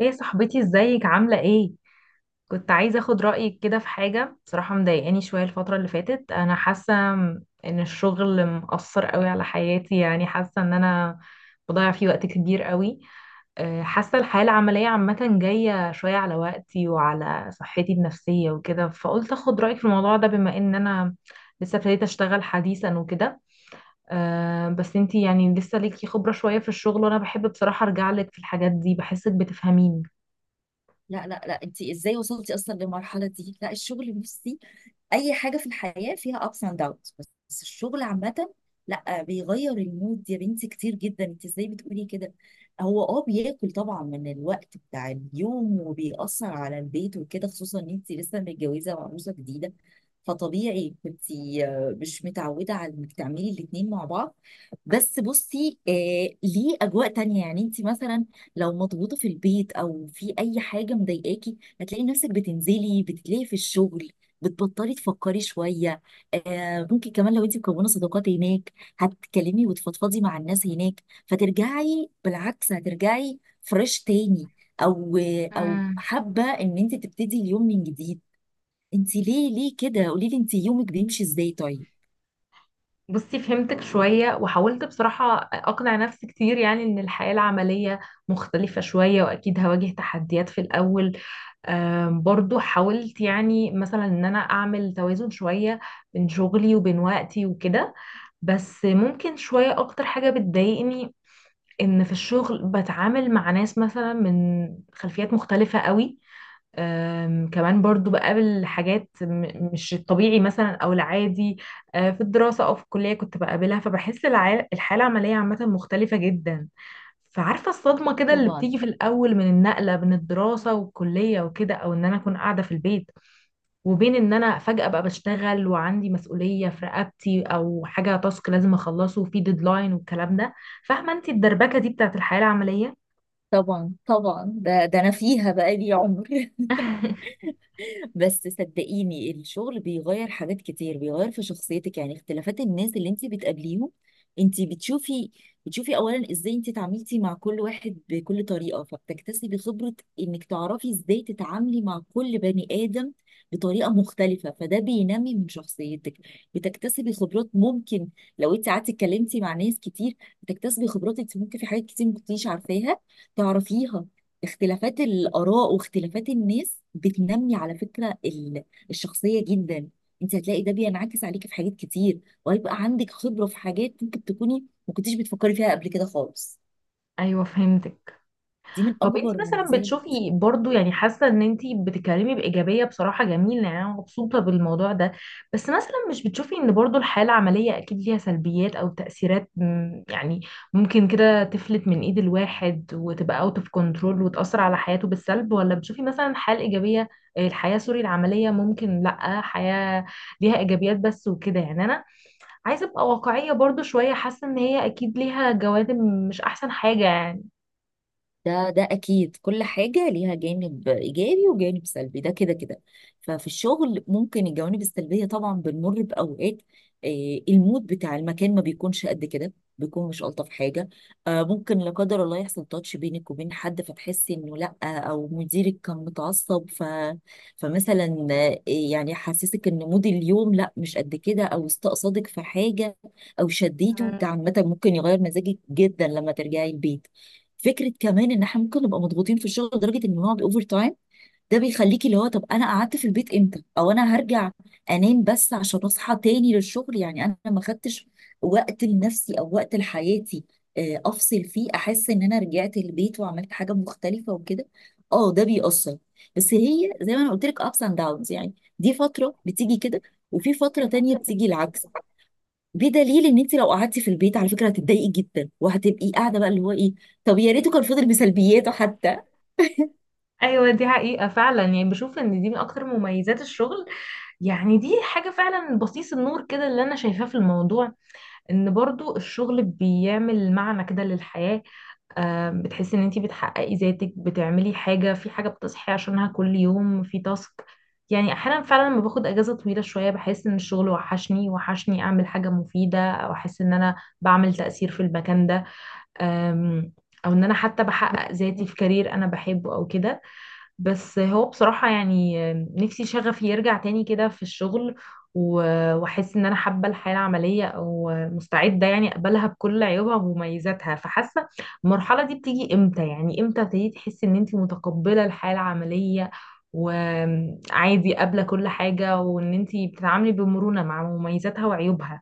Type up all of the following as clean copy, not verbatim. ايه يا صاحبتي، ازيك؟ عاملة ايه؟ كنت عايزة اخد رأيك كده في حاجة، بصراحة مضايقاني شوية الفترة اللي فاتت. انا حاسة ان الشغل مأثر قوي على حياتي، يعني حاسة ان انا بضيع فيه وقت كبير قوي. حاسة الحياة العملية عامة جاية شوية على وقتي وعلى صحتي النفسية وكده، فقلت اخد رأيك في الموضوع ده، بما ان انا لسه ابتديت اشتغل حديثا وكده. بس انتي يعني لسه ليكي خبرة شوية في الشغل، وانا بحب بصراحة ارجع لك في الحاجات دي، بحسك بتفهميني. لا لا لا، انت ازاي وصلتي اصلا للمرحله دي؟ لا، الشغل بصي، اي حاجه في الحياه فيها ups and downs. بس الشغل عامه لا بيغير المود يا بنتي كتير جدا، انت ازاي بتقولي كده؟ هو بياكل طبعا من الوقت بتاع اليوم، وبيأثر على البيت وكده، خصوصا ان انت لسه متجوزه وعروسه جديده، فطبيعي كنت مش متعوده على انك تعملي الاتنين مع بعض. بس بصي، آه، ليه اجواء تانية. يعني انت مثلا لو مضغوطه في البيت او في اي حاجه مضايقاكي، هتلاقي نفسك بتنزلي بتلاقي في الشغل بتبطلي تفكري شويه. آه، ممكن كمان لو انت مكونه صداقات هناك هتتكلمي وتفضفضي مع الناس هناك، فترجعي بالعكس، هترجعي فريش تاني. او او حابه ان انت تبتدي اليوم من جديد. انت ليه ليه كده؟ قولي لي انت يومك بيمشي ازاي طيب؟ بصي، فهمتك شوية وحاولت بصراحة أقنع نفسي كتير، يعني إن الحياة العملية مختلفة شوية، وأكيد هواجه تحديات في الأول. برضو حاولت يعني مثلا إن أنا أعمل توازن شوية بين شغلي وبين وقتي وكده. بس ممكن شوية أكتر حاجة بتضايقني إن في الشغل بتعامل مع ناس مثلا من خلفيات مختلفة قوي. كمان برضو بقابل حاجات مش الطبيعي مثلا او العادي في الدراسة او في الكلية كنت بقابلها، فبحس الحالة العملية عامة مختلفة جدا. فعارفة الصدمة كده اللي طبعا بتيجي في الأول من النقلة بين الدراسة والكلية وكده، أو إن أنا أكون قاعدة في البيت، وبين إن أنا فجأة بقى بشتغل وعندي مسؤولية في رقبتي، أو حاجة تاسك لازم أخلصه وفي ديدلاين والكلام ده. فاهمة أنت الدربكة دي بتاعت الحياة العملية؟ طبعا طبعا، ده انا فيها بقالي عمر. بس صدقيني الشغل بيغير حاجات كتير، بيغير في شخصيتك، يعني اختلافات الناس اللي انت بتقابليهم، انت بتشوفي اولا ازاي انت اتعاملتي مع كل واحد بكل طريقة، فبتكتسبي خبرة انك تعرفي ازاي تتعاملي مع كل بني ادم بطريقة مختلفة، فده بينمي من شخصيتك. بتكتسبي خبرات ممكن لو انت قعدتي اتكلمتي مع ناس كتير، بتكتسبي خبرات انت ممكن في حاجات كتير ما كنتيش عارفاها تعرفيها. اختلافات الآراء واختلافات الناس بتنمي على فكرة الشخصية جدا. انت هتلاقي ده بينعكس عليكي في حاجات كتير، وهيبقى عندك خبرة في حاجات ممكن تكوني ما كنتيش بتفكري فيها قبل كده خالص. أيوه، فهمتك. دي من طب انت أكبر مثلا مميزات. بتشوفي برضو، يعني حاسه ان انت بتتكلمي بايجابيه، بصراحه جميله، يعني انا مبسوطه بالموضوع ده. بس مثلا مش بتشوفي ان برضو الحياه العمليه اكيد ليها سلبيات او تاثيرات يعني ممكن كده تفلت من ايد الواحد وتبقى اوت اوف كنترول وتاثر على حياته بالسلب، ولا بتشوفي مثلا الحياه الايجابيه؟ الحياه سوري العمليه ممكن لا حياه ليها ايجابيات بس وكده، يعني انا عايزه ابقى واقعيه برضو شويه، حاسه ان هي اكيد ليها جوانب مش احسن حاجه يعني. ده اكيد كل حاجه ليها جانب ايجابي وجانب سلبي، ده كده كده. ففي الشغل ممكن الجوانب السلبيه، طبعا بنمر باوقات، المود بتاع المكان ما بيكونش قد كده، بيكون مش الطف حاجه. ممكن لا قدر الله يحصل تاتش بينك وبين حد فتحسي انه لا، او مديرك كان متعصب، فمثلا، يعني حسسك ان مود اليوم لا مش قد كده، او استقصدك في حاجه او شديته. ده عامه ممكن يغير مزاجك جدا لما ترجعي البيت. فكره كمان ان احنا ممكن نبقى مضغوطين في الشغل لدرجه ان نقعد اوفر تايم، ده بيخليكي اللي هو طب انا قعدت في البيت امتى؟ او انا هرجع انام بس عشان اصحى تاني للشغل، يعني انا ما خدتش وقت لنفسي او وقت لحياتي، افصل فيه احس ان انا رجعت البيت وعملت حاجه مختلفه وكده. اه ده بيأثر. بس هي زي ما انا قلت لك ابس اند داونز، يعني دي فتره بتيجي كده، وفي فتره تانية بتيجي العكس. بدليل ان انت لو قعدتي في البيت على فكره هتتضايقي جدا، وهتبقي قاعده بقى اللي هو ايه، طب يا ريته كان فضل بسلبياته حتى. ايوه، دي حقيقة فعلا، يعني بشوف ان دي من اكتر مميزات الشغل. يعني دي حاجة فعلا بصيص النور كده اللي انا شايفاه في الموضوع، ان برضو الشغل بيعمل معنى كده للحياة. بتحسي ان انتي بتحققي ذاتك، بتعملي حاجة في حاجة بتصحي عشانها كل يوم، في تاسك. يعني احيانا فعلا لما باخد اجازة طويلة شوية بحس ان الشغل وحشني، وحشني اعمل حاجة مفيدة، او احس ان انا بعمل تأثير في المكان ده. أم، او ان انا حتى بحقق ذاتي في كارير انا بحبه او كده. بس هو بصراحة يعني نفسي شغفي يرجع تاني كده في الشغل، واحس ان انا حابة الحياة العملية، او مستعدة يعني اقبلها بكل عيوبها ومميزاتها. فحاسة المرحلة دي بتيجي امتى؟ يعني امتى ابتديتي تحسي ان انت متقبلة الحياة العملية وعادي قابلة كل حاجة، وان انت بتتعاملي بمرونة مع مميزاتها وعيوبها؟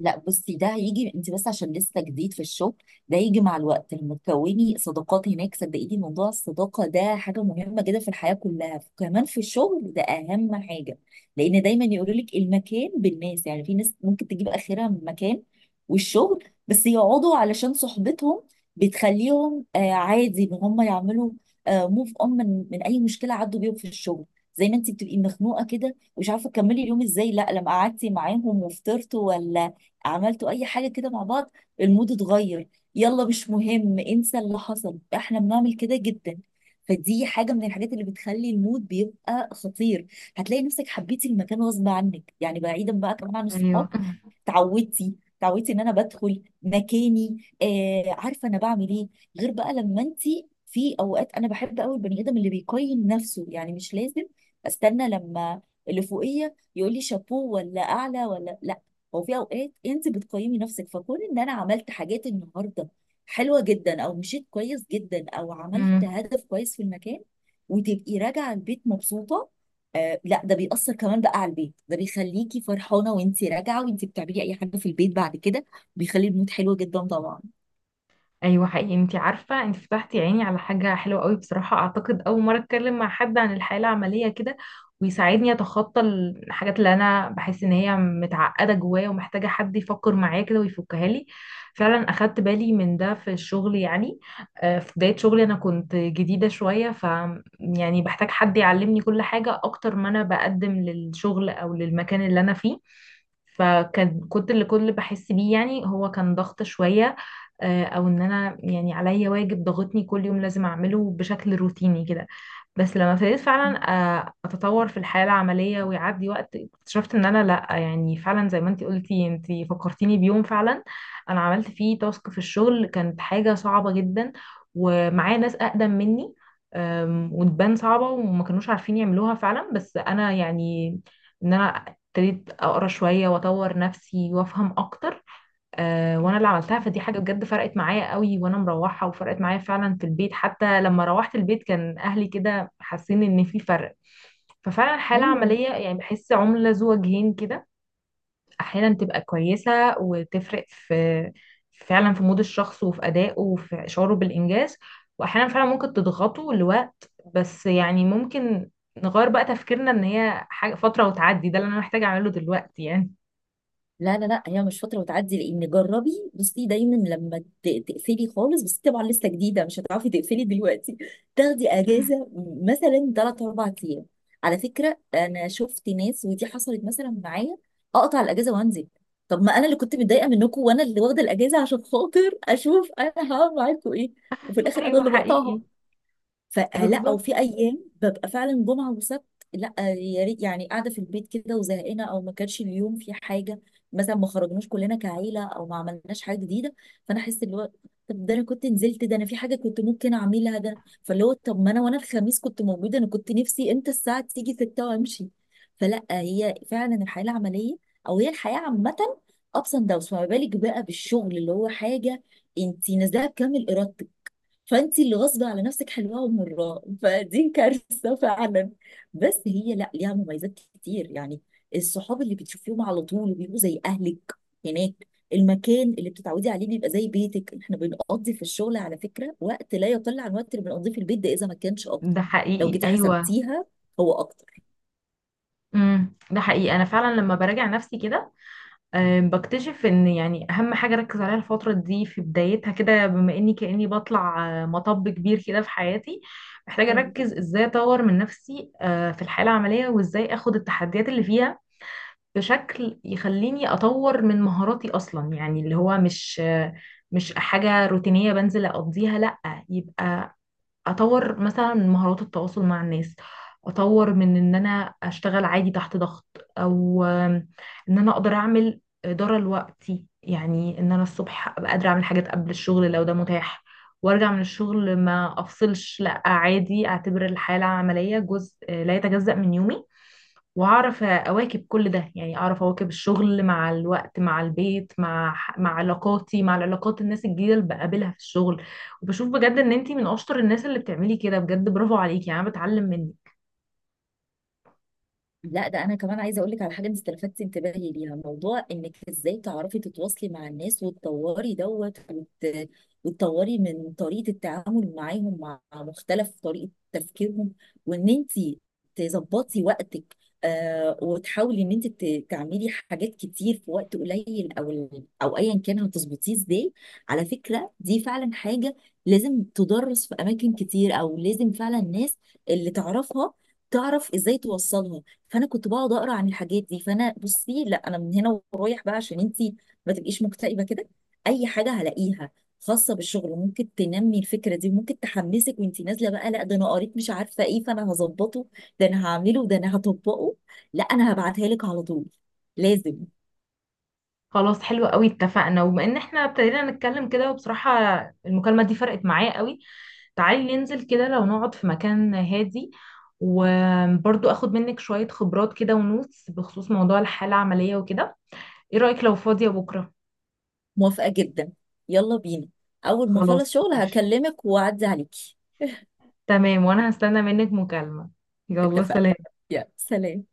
لا بصي، ده هيجي، انت بس عشان لسه جديد في الشغل، ده يجي مع الوقت لما تكوني صداقات هناك. صدقيني موضوع الصداقة ده حاجة مهمة جدا في الحياة كلها، كمان في الشغل ده أهم حاجة، لأن دايما يقولوا لك المكان بالناس. يعني في ناس ممكن تجيب آخرها من مكان والشغل بس يقعدوا علشان صحبتهم، بتخليهم آه عادي إن هم يعملوا آه موف أون من أي مشكلة عدوا بيهم في الشغل. زي ما انت بتبقي مخنوقة كده ومش عارفة تكملي اليوم ازاي، لا لما قعدتي معاهم وفطرتوا ولا عملتوا اي حاجه كده مع بعض، المود اتغير، يلا مش مهم انسى اللي حصل، احنا بنعمل كده جدا. فدي حاجه من الحاجات اللي بتخلي المود بيبقى خطير. هتلاقي نفسك حبيتي المكان غصب عنك، يعني بعيدا بقى كمان عن الصحاب، ايوه. تعودتي، ان انا بدخل مكاني، آه عارفه انا بعمل ايه. غير بقى لما انت، في اوقات انا بحب قوي البني ادم اللي بيقيم نفسه، يعني مش لازم استنى لما اللي فوقيه يقول لي شابوه ولا اعلى ولا لا، هو في اوقات انت بتقيمي نفسك، فكون ان انا عملت حاجات النهارده حلوه جدا، او مشيت كويس جدا، او عملت هدف كويس في المكان، وتبقي راجعه البيت مبسوطه، آه لا ده بيأثر كمان بقى على البيت، ده بيخليكي فرحانه وانت راجعه وانت بتعملي اي حاجه في البيت بعد كده، بيخلي المود حلو جدا طبعا. ايوه حقيقي، انت عارفه انت فتحتي عيني على حاجه حلوه قوي بصراحه. اعتقد اول مره اتكلم مع حد عن الحياه العمليه كده ويساعدني اتخطى الحاجات اللي انا بحس ان هي متعقده جوايا ومحتاجه حد يفكر معايا كده ويفكها لي. فعلا اخدت بالي من ده في الشغل يعني. في بدايه شغلي انا كنت جديده شويه، ف يعني بحتاج حد يعلمني كل حاجه اكتر ما انا بقدم للشغل او للمكان اللي انا فيه. فكان كنت اللي كل اللي بحس بيه يعني هو كان ضغط شوية، او ان انا يعني عليا واجب ضاغطني كل يوم لازم اعمله بشكل روتيني كده. بس لما ابتديت فعلا اتطور في الحياة العملية ويعدي وقت، اكتشفت ان انا لا، يعني فعلا زي ما انتي قلتي. انتي فكرتيني بيوم فعلا انا عملت فيه تاسك في الشغل كانت حاجة صعبة جدا، ومعايا ناس اقدم مني وتبان صعبة وما كانوش عارفين يعملوها فعلا. بس انا يعني ان انا ابتديت اقرا شوية واطور نفسي وافهم اكتر وانا اللي عملتها. فدي حاجه بجد فرقت معايا قوي وانا مروحه، وفرقت معايا فعلا في البيت، حتى لما روحت البيت كان اهلي كده حاسين ان في فرق. ففعلا الحالة ايوه. العملية يعني بحس عملة ذو وجهين كده، احيانا تبقى كويسة وتفرق في فعلا في مود الشخص وفي ادائه وفي شعوره بالانجاز، واحيانا فعلا ممكن تضغطه لوقت. بس يعني ممكن نغير بقى تفكيرنا ان هي حاجة فترة وتعدي، ده اللي انا محتاجة اعمله دلوقتي يعني. لا لا لا، هي مش فترة وتعدي، لأن جربي بصي دايما لما تقفلي خالص، بس طبعا لسه جديدة مش هتعرفي تقفلي دلوقتي. تاخدي أجازة مثلا تلات أربع أيام، على فكرة أنا شفت ناس ودي حصلت مثلا معايا، أقطع الأجازة وأنزل. طب ما أنا اللي كنت متضايقة منكم، وأنا اللي واخدة الأجازة عشان خاطر أشوف أنا هعمل معاكم إيه، وفي الآخر أنا ايوه اللي حقيقي. بقطعها. فلا، او بالظبط. في ايام ببقى فعلا جمعه وسبت، لا يا ريت يعني، قاعده في البيت كده وزهقانه، او ما كانش اليوم في حاجه مثلا، ما خرجناش كلنا كعيله، او ما عملناش حاجه جديده، فانا احس اللي هو طب ده انا كنت نزلت، ده انا في حاجه كنت ممكن اعملها، ده فاللي هو طب ما انا وانا الخميس كنت موجوده انا كنت نفسي امتى الساعه تيجي 6 وامشي. فلا، هي فعلا الحياه العمليه، او هي الحياه عامه، ابس اند داونز، فما بالك بقى بالشغل اللي هو حاجه انت نازلها بكامل ارادتك، فانت اللي غصب على نفسك حلوه ومراه فدي كارثه فعلا. بس هي لا، ليها مميزات كتير يعني. الصحاب اللي بتشوفيهم على طول بيبقوا زي اهلك هناك، المكان اللي بتتعودي عليه بيبقى زي بيتك. احنا بنقضي في الشغل على فكره وقت لا يقل عن الوقت اللي بنقضيه في البيت، ده اذا ما كانش اكتر، ده لو حقيقي جيتي ايوه. حسبتيها هو اكتر. ده حقيقي. انا فعلا لما براجع نفسي كده بكتشف ان يعني اهم حاجه اركز عليها الفتره دي في بدايتها كده، بما اني كاني بطلع مطب كبير كده في حياتي. محتاجه اركز ازاي اطور من نفسي في الحياه العمليه، وازاي اخد التحديات اللي فيها بشكل يخليني اطور من مهاراتي اصلا. يعني اللي هو مش مش حاجه روتينيه بنزل اقضيها، لا. يبقى اطور مثلا من مهارات التواصل مع الناس، اطور من ان انا اشتغل عادي تحت ضغط، او ان انا اقدر اعمل اداره لوقتي. يعني ان انا الصبح ابقى قادره اعمل حاجات قبل الشغل لو ده متاح، وارجع من الشغل ما افصلش، لا عادي اعتبر الحياه العمليه جزء لا يتجزأ من يومي. واعرف اواكب كل ده، يعني اعرف اواكب الشغل مع الوقت، مع البيت، مع علاقاتي، مع العلاقات الناس الجديده اللي بقابلها في الشغل. وبشوف بجد ان انتي من اشطر الناس اللي بتعملي كده بجد، برافو عليكي، يعني انا بتعلم منك. لا ده انا كمان عايزه اقول لك على حاجه انت استلفتي انتباهي ليها، موضوع انك ازاي تعرفي تتواصلي مع الناس وتطوري وتطوري من طريقه التعامل معاهم مع مختلف طريقه تفكيرهم، وان انت تظبطي وقتك، آه وتحاولي ان انت تعملي حاجات كتير في وقت قليل، او او ايا كان هتظبطيه ازاي. على فكره دي فعلا حاجه لازم تدرس في اماكن كتير، او لازم فعلا الناس اللي تعرفها تعرف ازاي توصلها. فانا كنت بقعد اقرا عن الحاجات دي، فانا بصي لا انا من هنا ورايح بقى، عشان انتي ما تبقيش مكتئبه كده، اي حاجه هلاقيها خاصه بالشغل ممكن تنمي الفكره دي وممكن تحمسك وانتي نازله بقى، لا ده انا قريت مش عارفه ايه فانا هظبطه، ده انا هعمله، ده انا هطبقه. لا انا هبعتها لك على طول، لازم. خلاص، حلو قوي، اتفقنا. وبما ان احنا ابتدينا نتكلم كده وبصراحه المكالمه دي فرقت معايا قوي، تعالي ننزل كده لو نقعد في مكان هادي، وبرضو اخد منك شويه خبرات كده ونوتس بخصوص موضوع الحاله العمليه وكده. ايه رايك لو فاضيه بكره؟ موافقه جدا، يلا بينا، اول ما خلاص اخلص شغل ماشي. هكلمك واعدي عليكي. تمام، وانا هستنى منك مكالمة. يلا اتفقنا، سلام. يلا سلام.